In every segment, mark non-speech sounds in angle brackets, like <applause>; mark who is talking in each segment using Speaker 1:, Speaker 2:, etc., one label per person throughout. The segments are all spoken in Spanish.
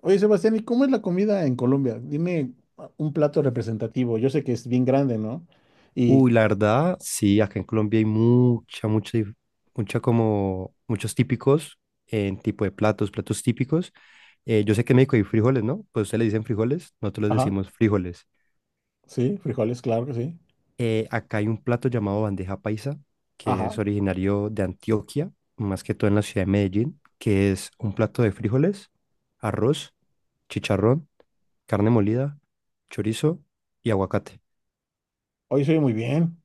Speaker 1: Oye, Sebastián, ¿y cómo es la comida en Colombia? Dime un plato representativo. Yo sé que es bien grande, ¿no? Y,
Speaker 2: Uy, la verdad, sí, acá en Colombia hay mucha como, muchos típicos en tipo de platos, platos típicos. Yo sé que en México hay frijoles, ¿no? Pues ustedes le dicen frijoles, nosotros les
Speaker 1: ajá,
Speaker 2: decimos frijoles.
Speaker 1: sí, frijoles, claro que sí.
Speaker 2: Acá hay un plato llamado bandeja paisa, que
Speaker 1: Ajá,
Speaker 2: es originario de Antioquia, más que todo en la ciudad de Medellín, que es un plato de frijoles, arroz, chicharrón, carne molida, chorizo y aguacate.
Speaker 1: oye, soy muy bien.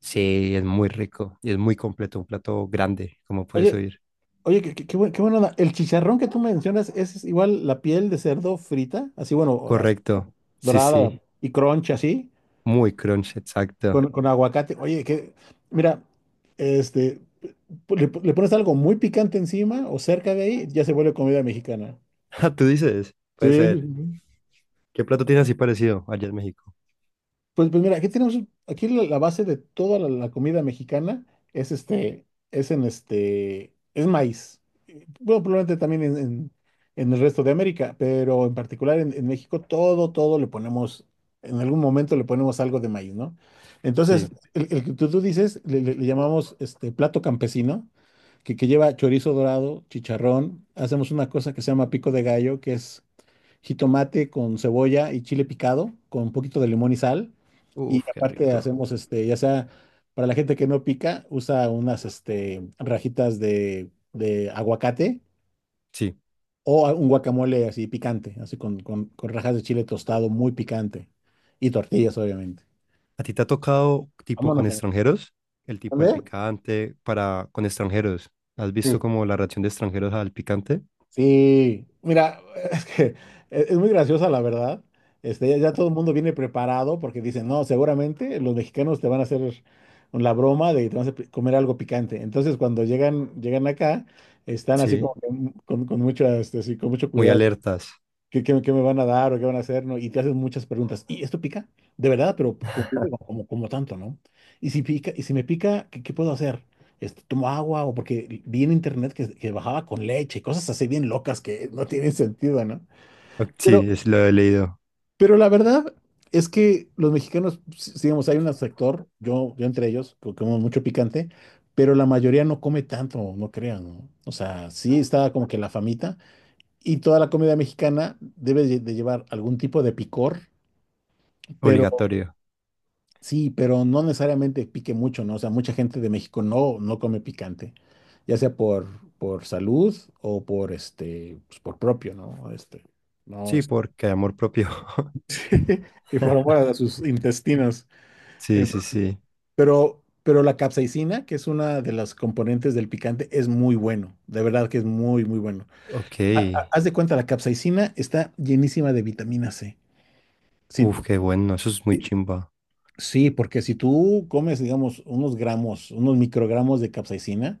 Speaker 2: Sí, es muy rico y es muy completo, un plato grande, como puedes
Speaker 1: Oye,
Speaker 2: oír.
Speaker 1: oye, qué buena onda. El chicharrón que tú mencionas es igual la piel de cerdo frita, así, bueno, así,
Speaker 2: Correcto. Sí,
Speaker 1: dorada
Speaker 2: sí.
Speaker 1: y crunch, así,
Speaker 2: Muy crunch, exacto.
Speaker 1: con,
Speaker 2: <laughs>
Speaker 1: con aguacate. Mira, este, le pones algo muy picante encima o cerca de ahí, ya se vuelve comida mexicana.
Speaker 2: Ah, tú dices, puede ser.
Speaker 1: Sí.
Speaker 2: ¿Qué plato tiene así parecido allá en México?
Speaker 1: Pues mira, aquí la base de toda la comida mexicana es este, es en este, es maíz. Bueno, probablemente también en el resto de América, pero en particular en México todo le ponemos, en algún momento le ponemos algo de maíz, ¿no? Entonces,
Speaker 2: Sí.
Speaker 1: el que tú dices, le llamamos este plato campesino, que lleva chorizo dorado, chicharrón, hacemos una cosa que se llama pico de gallo, que es jitomate con cebolla y chile picado, con un poquito de limón y sal. Y
Speaker 2: Uf, qué
Speaker 1: aparte
Speaker 2: rico.
Speaker 1: hacemos, ya sea para la gente que no pica, usa unas, rajitas de aguacate
Speaker 2: Sí.
Speaker 1: o un guacamole así picante, así con rajas de chile tostado muy picante. Y tortillas, obviamente.
Speaker 2: ¿A ti te ha tocado tipo con
Speaker 1: Vámonos a ver.
Speaker 2: extranjeros? El tipo
Speaker 1: ¿Dónde?
Speaker 2: del picante para con extranjeros. ¿Has visto
Speaker 1: Sí.
Speaker 2: como la reacción de extranjeros al picante?
Speaker 1: Sí, mira, es que es muy graciosa la verdad. Ya todo el mundo viene preparado porque dicen, no, seguramente los mexicanos te van a hacer la broma de que te vas a comer algo picante. Entonces, cuando llegan acá, están así como
Speaker 2: Sí.
Speaker 1: que con mucho, sí, con mucho
Speaker 2: Muy
Speaker 1: cuidado.
Speaker 2: alertas.
Speaker 1: ¿Qué, qué, qué me van a dar o qué van a hacer, no? Y te haces muchas preguntas. ¿Y esto pica? De verdad, pero como tanto, ¿no? Y si pica, y si me pica, ¿qué, qué puedo hacer? ¿Tomo agua? O porque vi en internet que bajaba con leche, cosas así bien locas que no tienen sentido, ¿no?
Speaker 2: Ok,
Speaker 1: Pero,
Speaker 2: sí, es lo he leído.
Speaker 1: pero la verdad es que los mexicanos, digamos, hay un sector, yo entre ellos, que como mucho picante, pero la mayoría no come tanto, no crean, ¿no? O sea, sí está como que la famita, y toda la comida mexicana debe lle- de llevar algún tipo de picor, pero
Speaker 2: Obligatorio.
Speaker 1: sí, pero no necesariamente pique mucho, ¿no? O sea, mucha gente de México no come picante, ya sea por salud o por pues, por propio, ¿no? No,
Speaker 2: Sí,
Speaker 1: este,
Speaker 2: porque hay amor propio.
Speaker 1: <laughs> y por amor
Speaker 2: <laughs>
Speaker 1: a sus intestinos.
Speaker 2: Sí, sí,
Speaker 1: Entonces,
Speaker 2: sí.
Speaker 1: pero la capsaicina, que es una de las componentes del picante, es muy bueno, de verdad que es muy, muy bueno.
Speaker 2: Ok.
Speaker 1: Ha- ha- Haz de cuenta, la capsaicina está llenísima de vitamina C. Si,
Speaker 2: Uf, qué bueno. Eso es muy chimba.
Speaker 1: sí, porque si tú comes, digamos, unos gramos, unos microgramos de capsaicina,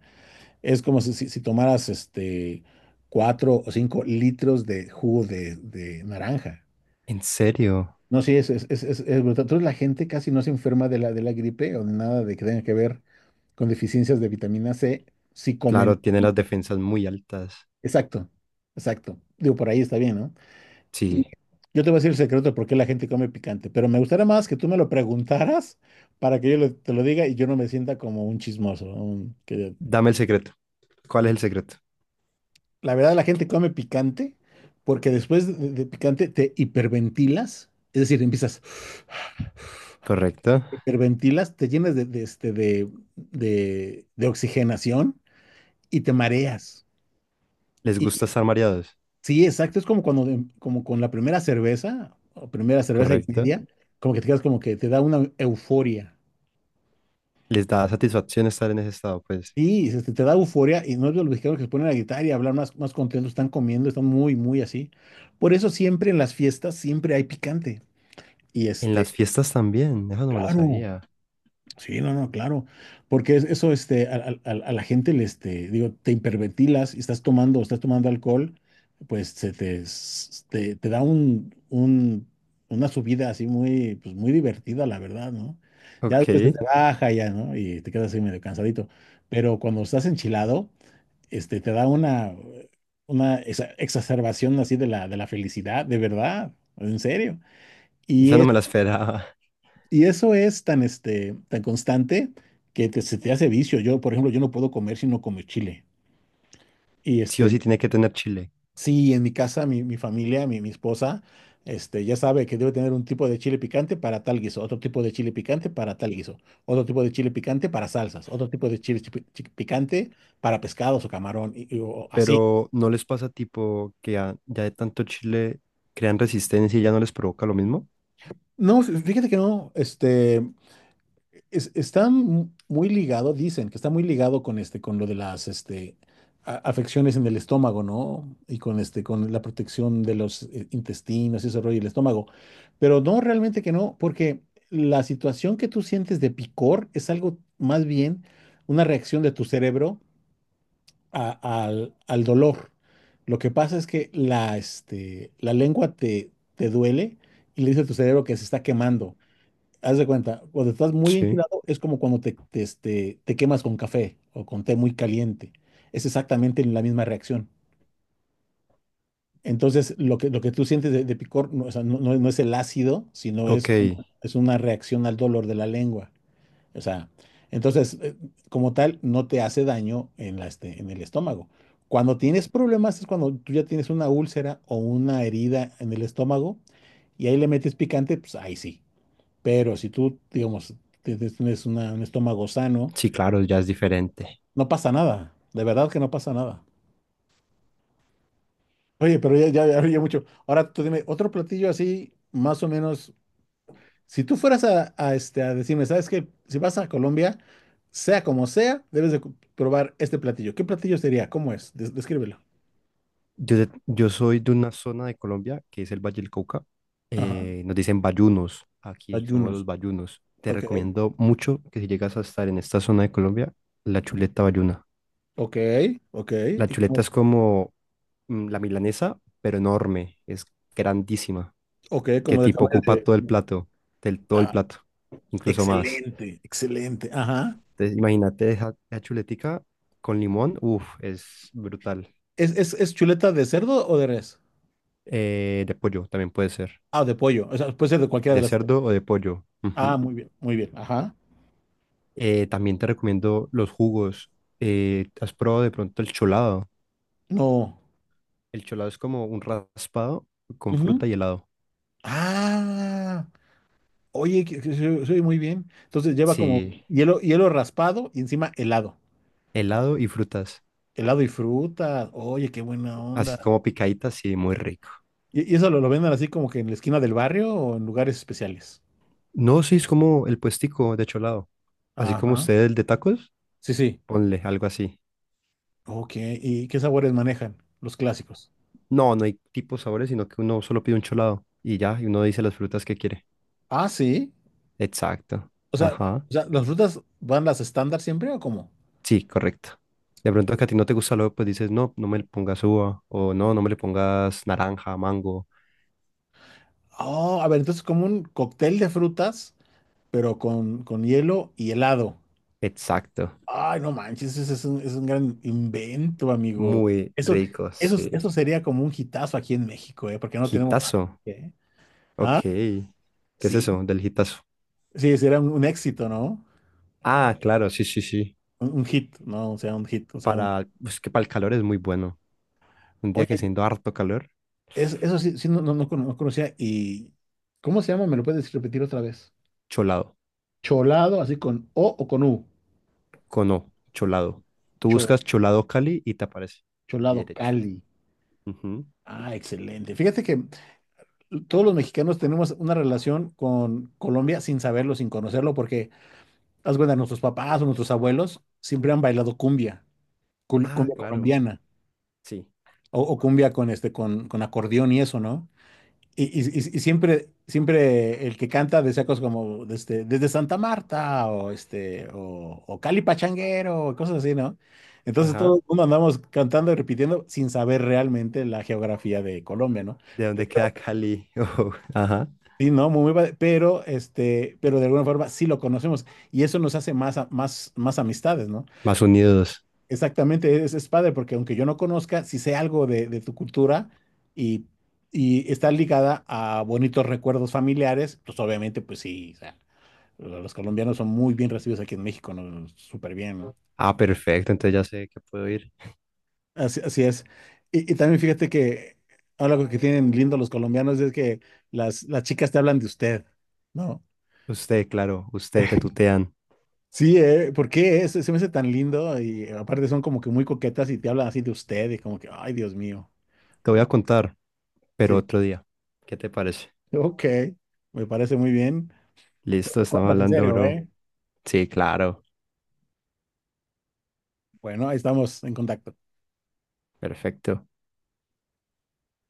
Speaker 1: es como si tomaras cuatro o cinco litros de jugo de naranja.
Speaker 2: ¿En serio?
Speaker 1: No, sí, es brutal. Entonces la gente casi no se enferma de de la gripe o de nada de que tenga que ver con deficiencias de vitamina C si comen.
Speaker 2: Claro, tiene las defensas muy altas.
Speaker 1: Exacto, exacto. Digo, por ahí está bien, ¿no? Y
Speaker 2: Sí.
Speaker 1: yo te voy a decir el secreto de por qué la gente come picante, pero me gustaría más que tú me lo preguntaras para que yo te lo diga y yo no me sienta como un chismoso.
Speaker 2: Dame el secreto. ¿Cuál es el secreto?
Speaker 1: La verdad, la gente come picante porque después de picante te hiperventilas, es decir, empiezas,
Speaker 2: Correcto.
Speaker 1: hiperventilas, te llenas de este, de oxigenación y te mareas.
Speaker 2: ¿Les
Speaker 1: Y,
Speaker 2: gusta estar mareados?
Speaker 1: sí, exacto, es como cuando, como con la primera cerveza o primera cerveza y
Speaker 2: Correcto.
Speaker 1: media, como que te quedas como que te da una euforia.
Speaker 2: ¿Les da satisfacción estar en ese estado? Pues
Speaker 1: Sí, te da euforia y no es de los mexicanos que se ponen a gritar y hablar más, más contentos, están comiendo, están muy, muy así. Por eso siempre en las fiestas siempre hay picante. Y
Speaker 2: en las fiestas también. Eso no me lo
Speaker 1: claro,
Speaker 2: sabía.
Speaker 1: sí, no, no, claro. Porque eso, a la gente le, digo, te hiperventilas y estás tomando alcohol, pues se te, s- te da una subida así muy, pues muy divertida, la verdad, ¿no? Ya después se
Speaker 2: Ok.
Speaker 1: te baja ya, ¿no? Y te quedas así medio cansadito. Pero cuando estás enchilado te da una exacerbación así de de la felicidad, de verdad, en serio. Y,
Speaker 2: Esa no
Speaker 1: es,
Speaker 2: me la esperaba. <laughs>
Speaker 1: y eso es tan, tan constante que se te hace vicio. Yo, por ejemplo, yo no puedo comer si no como chile. Y
Speaker 2: Sí o sí tiene que tener chile.
Speaker 1: sí, en mi casa, mi familia, mi esposa, ya sabe que debe tener un tipo de chile picante para tal guiso, otro tipo de chile picante para tal guiso, otro tipo de chile picante para salsas, otro tipo de picante para pescados o camarón, o así.
Speaker 2: Pero ¿no les pasa tipo que ya de tanto chile crean resistencia y ya no les provoca lo mismo?
Speaker 1: No, fíjate que no, está muy ligado, dicen que está muy ligado con con lo de las, afecciones en el estómago, ¿no? Y con con la protección de los intestinos y ese rollo, y el estómago. Pero no, realmente que no, porque la situación que tú sientes de picor es algo más bien una reacción de tu cerebro al, al dolor. Lo que pasa es que la, la lengua te duele y le dice a tu cerebro que se está quemando. Haz de cuenta, cuando estás muy
Speaker 2: Sí.
Speaker 1: enchilado es como cuando te quemas con café o con té muy caliente. Es exactamente la misma reacción. Entonces, lo que tú sientes de picor no, o sea, no es el ácido, sino
Speaker 2: Ok.
Speaker 1: es una reacción al dolor de la lengua. O sea, entonces, como tal, no te hace daño en la, en el estómago. Cuando tienes problemas es cuando tú ya tienes una úlcera o una herida en el estómago y ahí le metes picante, pues ahí sí. Pero si tú, digamos, tienes un estómago sano,
Speaker 2: Sí, claro, ya es diferente.
Speaker 1: no pasa nada. De verdad que no pasa nada. Oye, pero ya, ya, ya, ya mucho. Ahora tú dime, otro platillo así, más o menos. Si tú fueras a decirme, ¿sabes qué? Si vas a Colombia, sea como sea, debes de probar este platillo. ¿Qué platillo sería? ¿Cómo es? Descríbelo.
Speaker 2: Yo soy de una zona de Colombia que es el Valle del Cauca.
Speaker 1: Ajá.
Speaker 2: Nos dicen bayunos aquí, somos
Speaker 1: Ayunos.
Speaker 2: los bayunos. Te
Speaker 1: Ok.
Speaker 2: recomiendo mucho que si llegas a estar en esta zona de Colombia, la chuleta bayuna.
Speaker 1: Ok. Ok.
Speaker 2: La
Speaker 1: ¿Y cómo
Speaker 2: chuleta
Speaker 1: es?
Speaker 2: es como mm, la milanesa, pero enorme, es grandísima,
Speaker 1: Ok,
Speaker 2: que
Speaker 1: como del
Speaker 2: tipo
Speaker 1: tamaño
Speaker 2: ocupa todo el
Speaker 1: de.
Speaker 2: plato, del, todo el
Speaker 1: Ah,
Speaker 2: plato, incluso más.
Speaker 1: excelente, excelente. Ajá.
Speaker 2: Entonces, imagínate esa chuletica con limón, uff, es brutal.
Speaker 1: Es chuleta de cerdo o de res?
Speaker 2: De pollo también puede ser,
Speaker 1: Ah, de pollo. O sea, puede ser de cualquiera de
Speaker 2: de
Speaker 1: las tres.
Speaker 2: cerdo o de pollo. Ujú.
Speaker 1: Ah, muy bien, muy bien. Ajá.
Speaker 2: También te recomiendo los jugos. ¿Has probado de pronto el cholado?
Speaker 1: No.
Speaker 2: El cholado es como un raspado con fruta
Speaker 1: Ujú.
Speaker 2: y helado.
Speaker 1: Ah, oye, que se oye muy bien. Entonces lleva como
Speaker 2: Sí,
Speaker 1: hielo, hielo raspado y encima helado.
Speaker 2: helado y frutas.
Speaker 1: Helado y fruta. Oye, qué buena
Speaker 2: Así
Speaker 1: onda.
Speaker 2: como picaditas, sí, muy rico.
Speaker 1: Y eso lo venden así como que en la esquina del barrio o en lugares especiales?
Speaker 2: No, sí, es como el puestico de cholado. Así como
Speaker 1: Ajá.
Speaker 2: usted el de tacos,
Speaker 1: Sí, sí.
Speaker 2: ponle algo así.
Speaker 1: Ok. ¿Y qué sabores manejan? Los clásicos.
Speaker 2: No, no hay tipos sabores, sino que uno solo pide un cholado y ya, y uno dice las frutas que quiere.
Speaker 1: Ah, sí.
Speaker 2: Exacto.
Speaker 1: O sea,
Speaker 2: Ajá.
Speaker 1: o sea, ¿las frutas van las estándar siempre o cómo?
Speaker 2: Sí, correcto. De pronto que a ti no te gusta lo, pues dices, no, no me le pongas uva, o no, no me le pongas naranja, mango.
Speaker 1: Oh, a ver, entonces como un cóctel de frutas, pero con hielo y helado.
Speaker 2: Exacto.
Speaker 1: Ay, no manches, ese es es un gran invento, amigo.
Speaker 2: Muy rico, sí.
Speaker 1: Eso sería como un hitazo aquí en México, ¿eh? Porque no tenemos nada.
Speaker 2: Gitazo.
Speaker 1: ¿Eh?
Speaker 2: Ok. ¿Qué es
Speaker 1: Sí,
Speaker 2: eso del gitazo?
Speaker 1: sí, sería un éxito, ¿no?
Speaker 2: Ah, claro, sí, sí, sí.
Speaker 1: Un hit, ¿no? O sea, un hit, o sea,
Speaker 2: Para, pues que para el calor es muy bueno. Un día
Speaker 1: Oye,
Speaker 2: que siendo harto calor,
Speaker 1: eso sí, sí, no, no, no conocía. ¿Y cómo se llama? ¿Me lo puedes repetir otra vez?
Speaker 2: cholado.
Speaker 1: Cholado, así con O o con U.
Speaker 2: Cono, cholado. Tú
Speaker 1: Cho-
Speaker 2: buscas cholado Cali y te aparece.
Speaker 1: Cholado
Speaker 2: Derecho.
Speaker 1: Cali.
Speaker 2: Ujú.
Speaker 1: Ah, excelente. Fíjate que todos los mexicanos tenemos una relación con Colombia sin saberlo, sin conocerlo, porque, haz cuenta, nuestros papás o nuestros abuelos siempre han bailado cumbia,
Speaker 2: Ah,
Speaker 1: cumbia
Speaker 2: claro.
Speaker 1: colombiana,
Speaker 2: Sí.
Speaker 1: o cumbia con, con acordeón y eso, ¿no? Y siempre, siempre el que canta decía cosas como desde Santa Marta o Cali Pachanguero, cosas así, ¿no? Entonces
Speaker 2: Ajá.
Speaker 1: todo el mundo andamos cantando y repitiendo sin saber realmente la geografía de Colombia, ¿no?
Speaker 2: ¿De dónde queda Cali? <laughs> Ujú, ajá.
Speaker 1: Sí, no, muy, muy padre, pero pero de alguna forma sí lo conocemos y eso nos hace más, más, más amistades, ¿no?
Speaker 2: Más unidos.
Speaker 1: Exactamente, es padre porque aunque yo no conozca, sí sé algo de tu cultura y, y está ligada a bonitos recuerdos familiares, pues obviamente, pues sí, o sea, los colombianos son muy bien recibidos aquí en México, ¿no? Súper bien, ¿no?
Speaker 2: Ah, perfecto, entonces ya sé que puedo ir.
Speaker 1: Así, así es. Y también fíjate que algo que tienen lindo los colombianos es que las chicas te hablan de usted, ¿no?
Speaker 2: Usted, claro, usted, te tutean.
Speaker 1: Sí, ¿por qué es? Se me hace tan lindo y aparte son como que muy coquetas y te hablan así de usted y como que, ay, Dios mío.
Speaker 2: Te voy a
Speaker 1: No,
Speaker 2: contar, pero
Speaker 1: sí,
Speaker 2: otro día. ¿Qué te parece?
Speaker 1: ok, me parece muy bien.
Speaker 2: Listo,
Speaker 1: Me
Speaker 2: estamos
Speaker 1: cuentas en
Speaker 2: hablando,
Speaker 1: serio,
Speaker 2: bro.
Speaker 1: ¿eh?
Speaker 2: Sí, claro.
Speaker 1: Bueno, ahí estamos en contacto.
Speaker 2: Perfecto.